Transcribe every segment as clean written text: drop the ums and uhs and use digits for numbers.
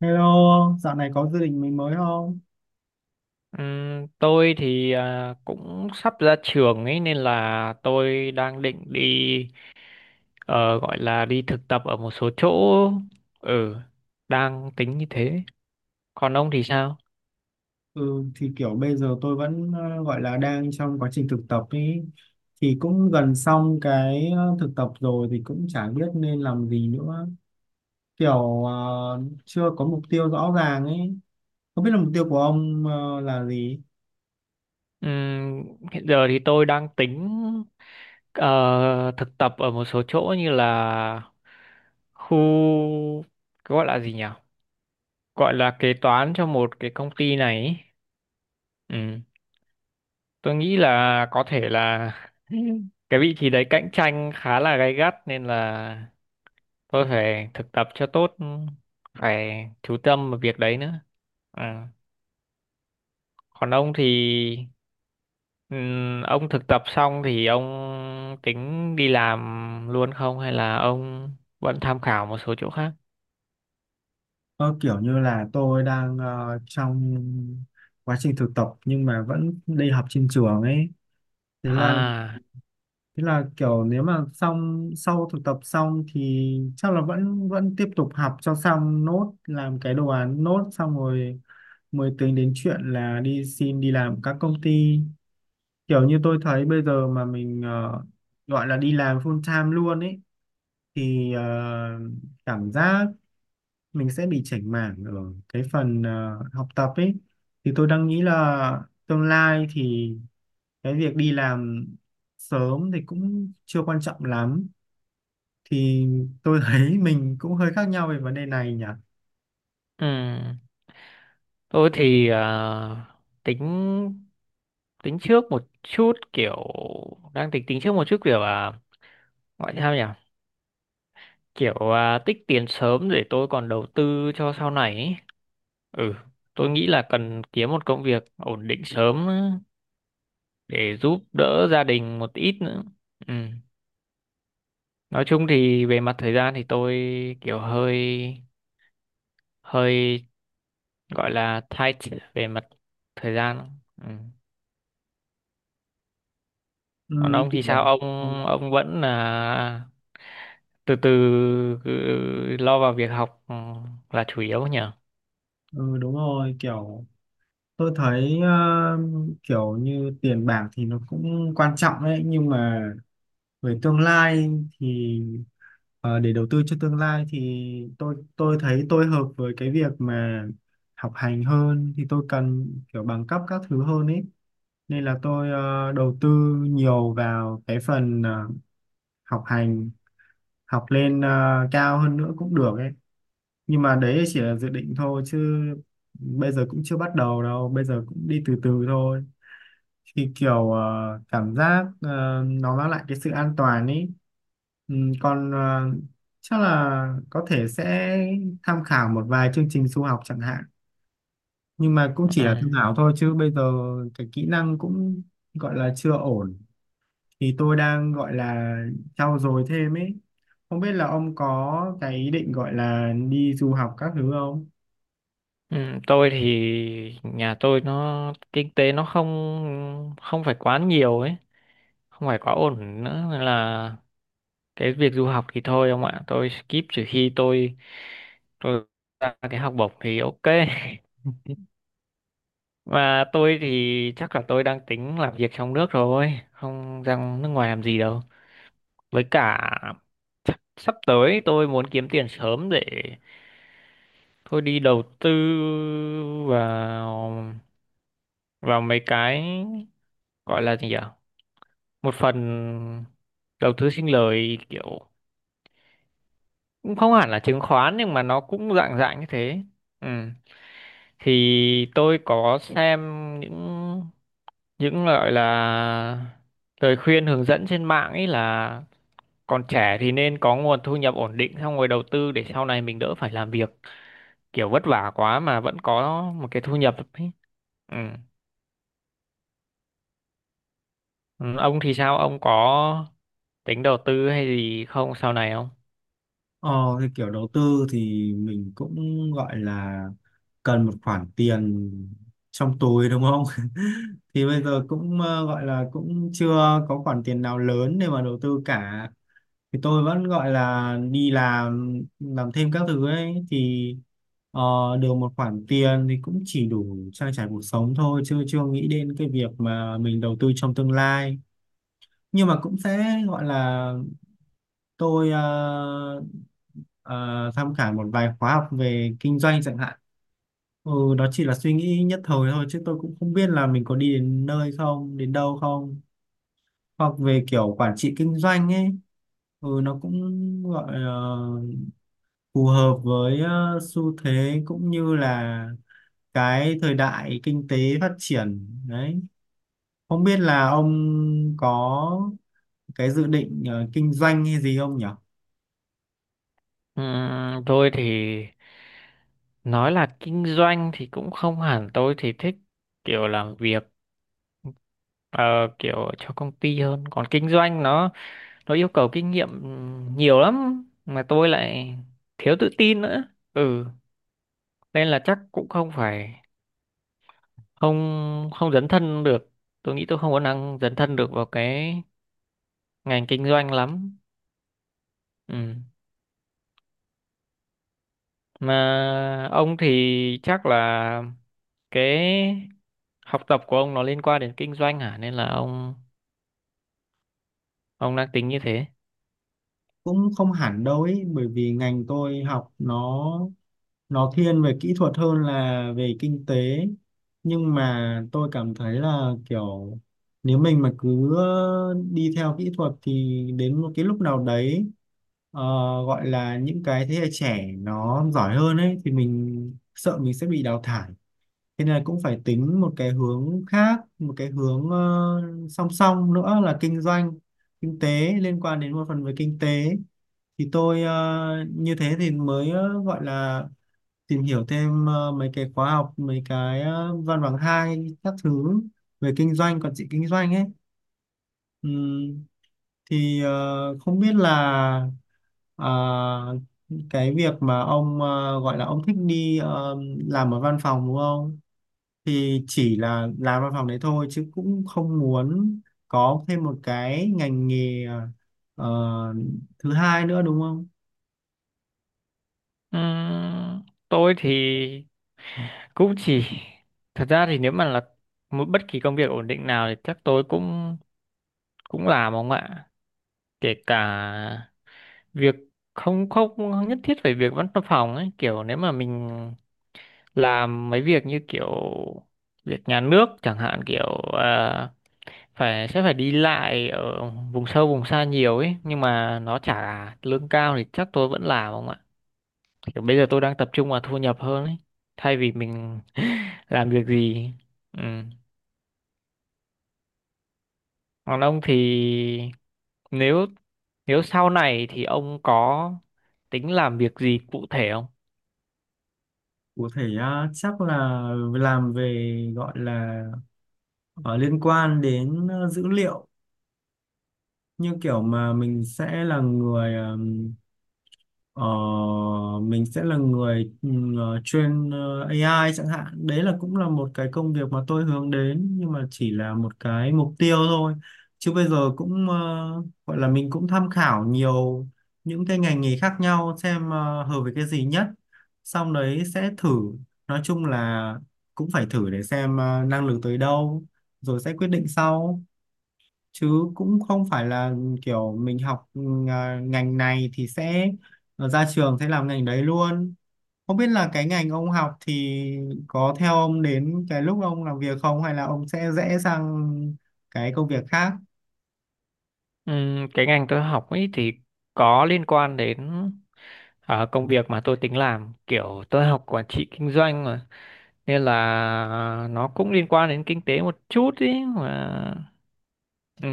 Hello, dạo này có gia đình mình mới không? Tôi thì cũng sắp ra trường ấy nên là tôi đang định đi ờ, gọi là đi thực tập ở một số chỗ. Ừ, đang tính như thế. Còn ông thì sao? Ừ, thì kiểu bây giờ tôi vẫn gọi là đang trong quá trình thực tập ý. Thì cũng gần xong cái thực tập rồi thì cũng chả biết nên làm gì nữa. Kiểu chưa có mục tiêu rõ ràng ấy. Không biết là mục tiêu của ông là gì? Ừm, Hiện giờ thì tôi đang tính ờ, thực tập ở một số chỗ như là khu, gọi là gì nhỉ, gọi là kế toán cho một cái công ty này ấy. Ừ. Tôi nghĩ là có thể là cái vị trí đấy cạnh tranh khá là gay gắt nên là tôi phải thực tập cho tốt, phải chú tâm vào việc đấy nữa. À, còn ông thì ông thực tập xong thì ông tính đi làm luôn không hay là ông vẫn tham khảo một số chỗ khác? Ờ, kiểu như là tôi đang trong quá trình thực tập nhưng mà vẫn đi học trên trường ấy. Thế là À, Thế là kiểu nếu mà xong sau thực tập xong thì chắc là vẫn vẫn tiếp tục học cho xong nốt làm cái đồ án nốt xong rồi mới tính đến chuyện là đi xin đi làm các công ty, kiểu như tôi thấy bây giờ mà mình gọi là đi làm full time luôn ấy thì cảm giác mình sẽ bị chểnh mảng ở cái phần học tập ấy, thì tôi đang nghĩ là tương lai thì cái việc đi làm sớm thì cũng chưa quan trọng lắm. Thì tôi thấy mình cũng hơi khác nhau về vấn đề này nhỉ. ừm, tôi thì tính tính trước một chút, kiểu đang tính tính trước một chút, kiểu gọi sao nhỉ, kiểu tích tiền sớm để tôi còn đầu tư cho sau này ấy. Ừ, tôi nghĩ là cần kiếm một công việc ổn định sớm để giúp đỡ gia đình một ít nữa. Ừ. Nói chung thì về mặt thời gian thì tôi kiểu hơi hơi, gọi là tight về mặt thời gian. Ừ. Còn ừ, ông thì kiểu, sao ông ừ, ông vẫn là từ từ cứ lo vào việc học, ừ, là chủ yếu nhỉ. ừ, đúng rồi, kiểu tôi thấy kiểu như tiền bạc thì nó cũng quan trọng đấy nhưng mà về tương lai thì để đầu tư cho tương lai thì tôi thấy tôi hợp với cái việc mà học hành hơn, thì tôi cần kiểu bằng cấp các thứ hơn ấy, nên là tôi đầu tư nhiều vào cái phần học hành, học lên cao hơn nữa cũng được ấy. Nhưng mà đấy chỉ là dự định thôi chứ bây giờ cũng chưa bắt đầu đâu, bây giờ cũng đi từ từ thôi, thì kiểu cảm giác nó mang lại cái sự an toàn ấy. Ừ, còn chắc là có thể sẽ tham khảo một vài chương trình du học chẳng hạn, nhưng mà cũng Ừ. chỉ là tham khảo thôi chứ bây giờ cái kỹ năng cũng gọi là chưa ổn, thì tôi đang gọi là trau dồi thêm ấy. Không biết là ông có cái ý định gọi là đi du học các thứ không? Ừ, tôi thì nhà tôi nó kinh tế nó không không phải quá nhiều ấy, không phải quá ổn nữa, nên là cái việc du học thì thôi ông ạ, tôi skip trừ khi tôi ra cái học bổng thì ok. Và tôi thì chắc là tôi đang tính làm việc trong nước rồi, không ra nước ngoài làm gì đâu. Với cả chắc sắp tới tôi muốn kiếm tiền sớm để tôi đi đầu tư vào vào mấy cái, gọi là gì nhỉ, một phần đầu tư sinh lời, kiểu cũng không hẳn là chứng khoán nhưng mà nó cũng dạng dạng như thế. Ừ. Thì tôi có xem những những gọi là lời khuyên hướng dẫn trên mạng ấy, là còn trẻ thì nên có nguồn thu nhập ổn định xong rồi đầu tư để sau này mình đỡ phải làm việc, kiểu vất vả quá mà vẫn có một cái thu nhập ấy. Ừ. Ừ, ông thì sao? Ông có tính đầu tư hay gì không, sau này không? Ờ, thì kiểu đầu tư thì mình cũng gọi là cần một khoản tiền trong túi đúng không? Thì bây giờ cũng gọi là cũng chưa có khoản tiền nào lớn để mà đầu tư cả. Thì tôi vẫn gọi là đi làm thêm các thứ ấy, thì ờ, được một khoản tiền thì cũng chỉ đủ trang trải cuộc sống thôi, chưa chưa nghĩ đến cái việc mà mình đầu tư trong tương lai. Nhưng mà cũng sẽ gọi là tôi tham khảo một vài khóa học về kinh doanh chẳng hạn. Ừ, đó chỉ là suy nghĩ nhất thời thôi chứ tôi cũng không biết là mình có đi đến nơi không, đến đâu không. Hoặc về kiểu quản trị kinh doanh ấy, ừ, nó cũng gọi là phù hợp với xu thế cũng như là cái thời đại kinh tế phát triển đấy. Không biết là ông có cái dự định kinh doanh hay gì không nhỉ? Tôi thì nói là kinh doanh thì cũng không hẳn, tôi thì thích kiểu làm việc ờ, kiểu cho công ty hơn. Còn kinh doanh nó yêu cầu kinh nghiệm nhiều lắm mà tôi lại thiếu tự tin nữa, ừ, nên là chắc cũng không phải, không không dấn thân được. Tôi nghĩ tôi không có năng dấn thân được vào cái ngành kinh doanh lắm. Ừ. Mà ông thì chắc là cái học tập của ông nó liên quan đến kinh doanh hả, nên là ông đang tính như thế. Cũng không hẳn đâu ấy, bởi vì ngành tôi học nó thiên về kỹ thuật hơn là về kinh tế, nhưng mà tôi cảm thấy là kiểu nếu mình mà cứ đi theo kỹ thuật thì đến một cái lúc nào đấy ờ, gọi là những cái thế hệ trẻ nó giỏi hơn ấy, thì mình sợ mình sẽ bị đào thải. Thế nên là cũng phải tính một cái hướng khác, một cái hướng song song nữa là kinh doanh, kinh tế, liên quan đến một phần về kinh tế. Thì tôi như thế thì mới gọi là tìm hiểu thêm mấy cái khóa học, mấy cái văn bằng hai các thứ về kinh doanh, quản trị kinh doanh ấy. Ừm, thì không biết là ờ, cái việc mà ông gọi là ông thích đi làm ở văn phòng đúng không? Thì chỉ là làm văn phòng đấy thôi chứ cũng không muốn có thêm một cái ngành nghề ờ, thứ hai nữa đúng không? Ừm, tôi thì cũng chỉ, thật ra thì nếu mà là một bất kỳ công việc ổn định nào thì chắc tôi cũng cũng làm ông ạ, kể cả việc không không nhất thiết phải việc văn phòng ấy, kiểu nếu mà mình làm mấy việc như kiểu việc nhà nước chẳng hạn, kiểu à, phải sẽ phải đi lại ở vùng sâu vùng xa nhiều ấy nhưng mà nó trả lương cao thì chắc tôi vẫn làm không ạ, kiểu bây giờ tôi đang tập trung vào thu nhập hơn ấy, thay vì mình làm việc gì. Ừ. Còn ông thì, nếu nếu sau này thì ông có tính làm việc gì cụ thể không? Có thể à, chắc là làm về gọi là ờ, liên quan đến dữ liệu, như kiểu mà mình sẽ là Ờ, mình sẽ là train AI chẳng hạn, đấy là cũng là một cái công việc mà tôi hướng đến, nhưng mà chỉ là một cái mục tiêu thôi chứ bây giờ cũng gọi là mình cũng tham khảo nhiều những cái ngành nghề khác nhau xem hợp với cái gì nhất, xong đấy sẽ thử. Nói chung là cũng phải thử để xem năng lực tới đâu rồi sẽ quyết định sau, chứ cũng không phải là kiểu mình học ngành này thì sẽ ra trường sẽ làm ngành đấy luôn. Không biết là cái ngành ông học thì có theo ông đến cái lúc ông làm việc không, hay là ông sẽ rẽ sang cái công việc khác? Ừ, cái ngành tôi học ấy thì có liên quan đến công việc mà tôi tính làm, kiểu tôi học quản trị kinh doanh nên là nó cũng liên quan đến kinh tế một chút ý. Mà ừ,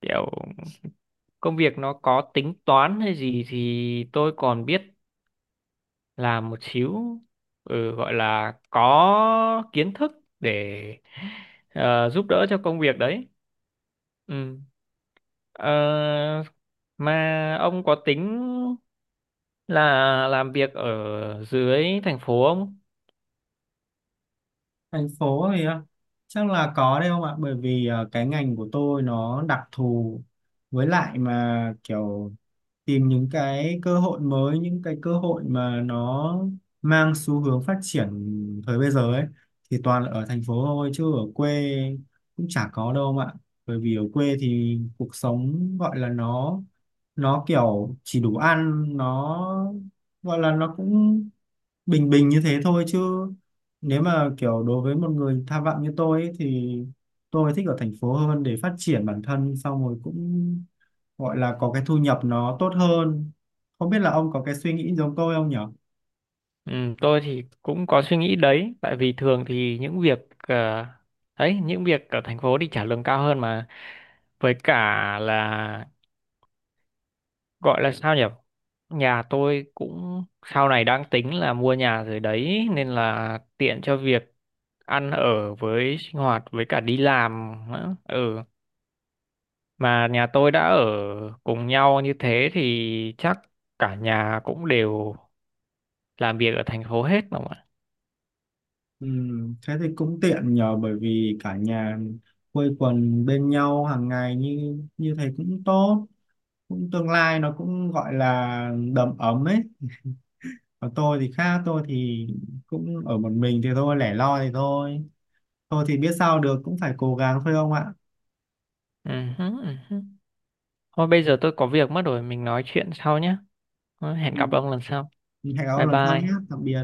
kiểu công việc nó có tính toán hay gì thì tôi còn biết làm một xíu, ừ, gọi là có kiến thức để giúp đỡ cho công việc đấy. Ừ. Ờ, mà ông có tính là làm việc ở dưới thành phố không? Thành phố thì à, chắc là có đấy không ạ, bởi vì à, cái ngành của tôi nó đặc thù, với lại mà kiểu tìm những cái cơ hội mới, những cái cơ hội mà nó mang xu hướng phát triển thời bây giờ ấy, thì toàn là ở thành phố thôi chứ ở quê cũng chả có đâu mà. Bởi vì ở quê thì cuộc sống gọi là nó kiểu chỉ đủ ăn, nó gọi là nó cũng bình bình như thế thôi chứ nếu mà kiểu đối với một người tham vọng như tôi ấy, thì tôi thích ở thành phố hơn để phát triển bản thân, xong rồi cũng gọi là có cái thu nhập nó tốt hơn. Không biết là ông có cái suy nghĩ giống tôi không nhở? Ừ, tôi thì cũng có suy nghĩ đấy, tại vì thường thì những việc ờ, ấy, những việc ở thành phố thì trả lương cao hơn mà, với cả là, gọi là sao nhỉ? Nhà tôi cũng sau này đang tính là mua nhà rồi đấy nên là tiện cho việc ăn ở với sinh hoạt với cả đi làm nữa. Ừ, mà nhà tôi đã ở cùng nhau như thế thì chắc cả nhà cũng đều làm việc ở thành phố hết đúng không ạ? Ừ, thế thì cũng tiện nhờ, bởi vì cả nhà quây quần bên nhau hàng ngày như như thế cũng tốt, cũng tương lai nó cũng gọi là đầm ấm ấy. Còn tôi thì khác, tôi thì cũng ở một mình thì thôi, lẻ loi thì thôi, tôi thì biết sao được, cũng phải cố gắng thôi ông ạ. Ừ. Hứ, ừ hứ. Thôi bây giờ tôi có việc mất rồi, mình nói chuyện sau nhé. Hẹn gặp Ừ. ông lần sau. Hẹn gặp ông Bye lần sau bye. nhé, tạm biệt.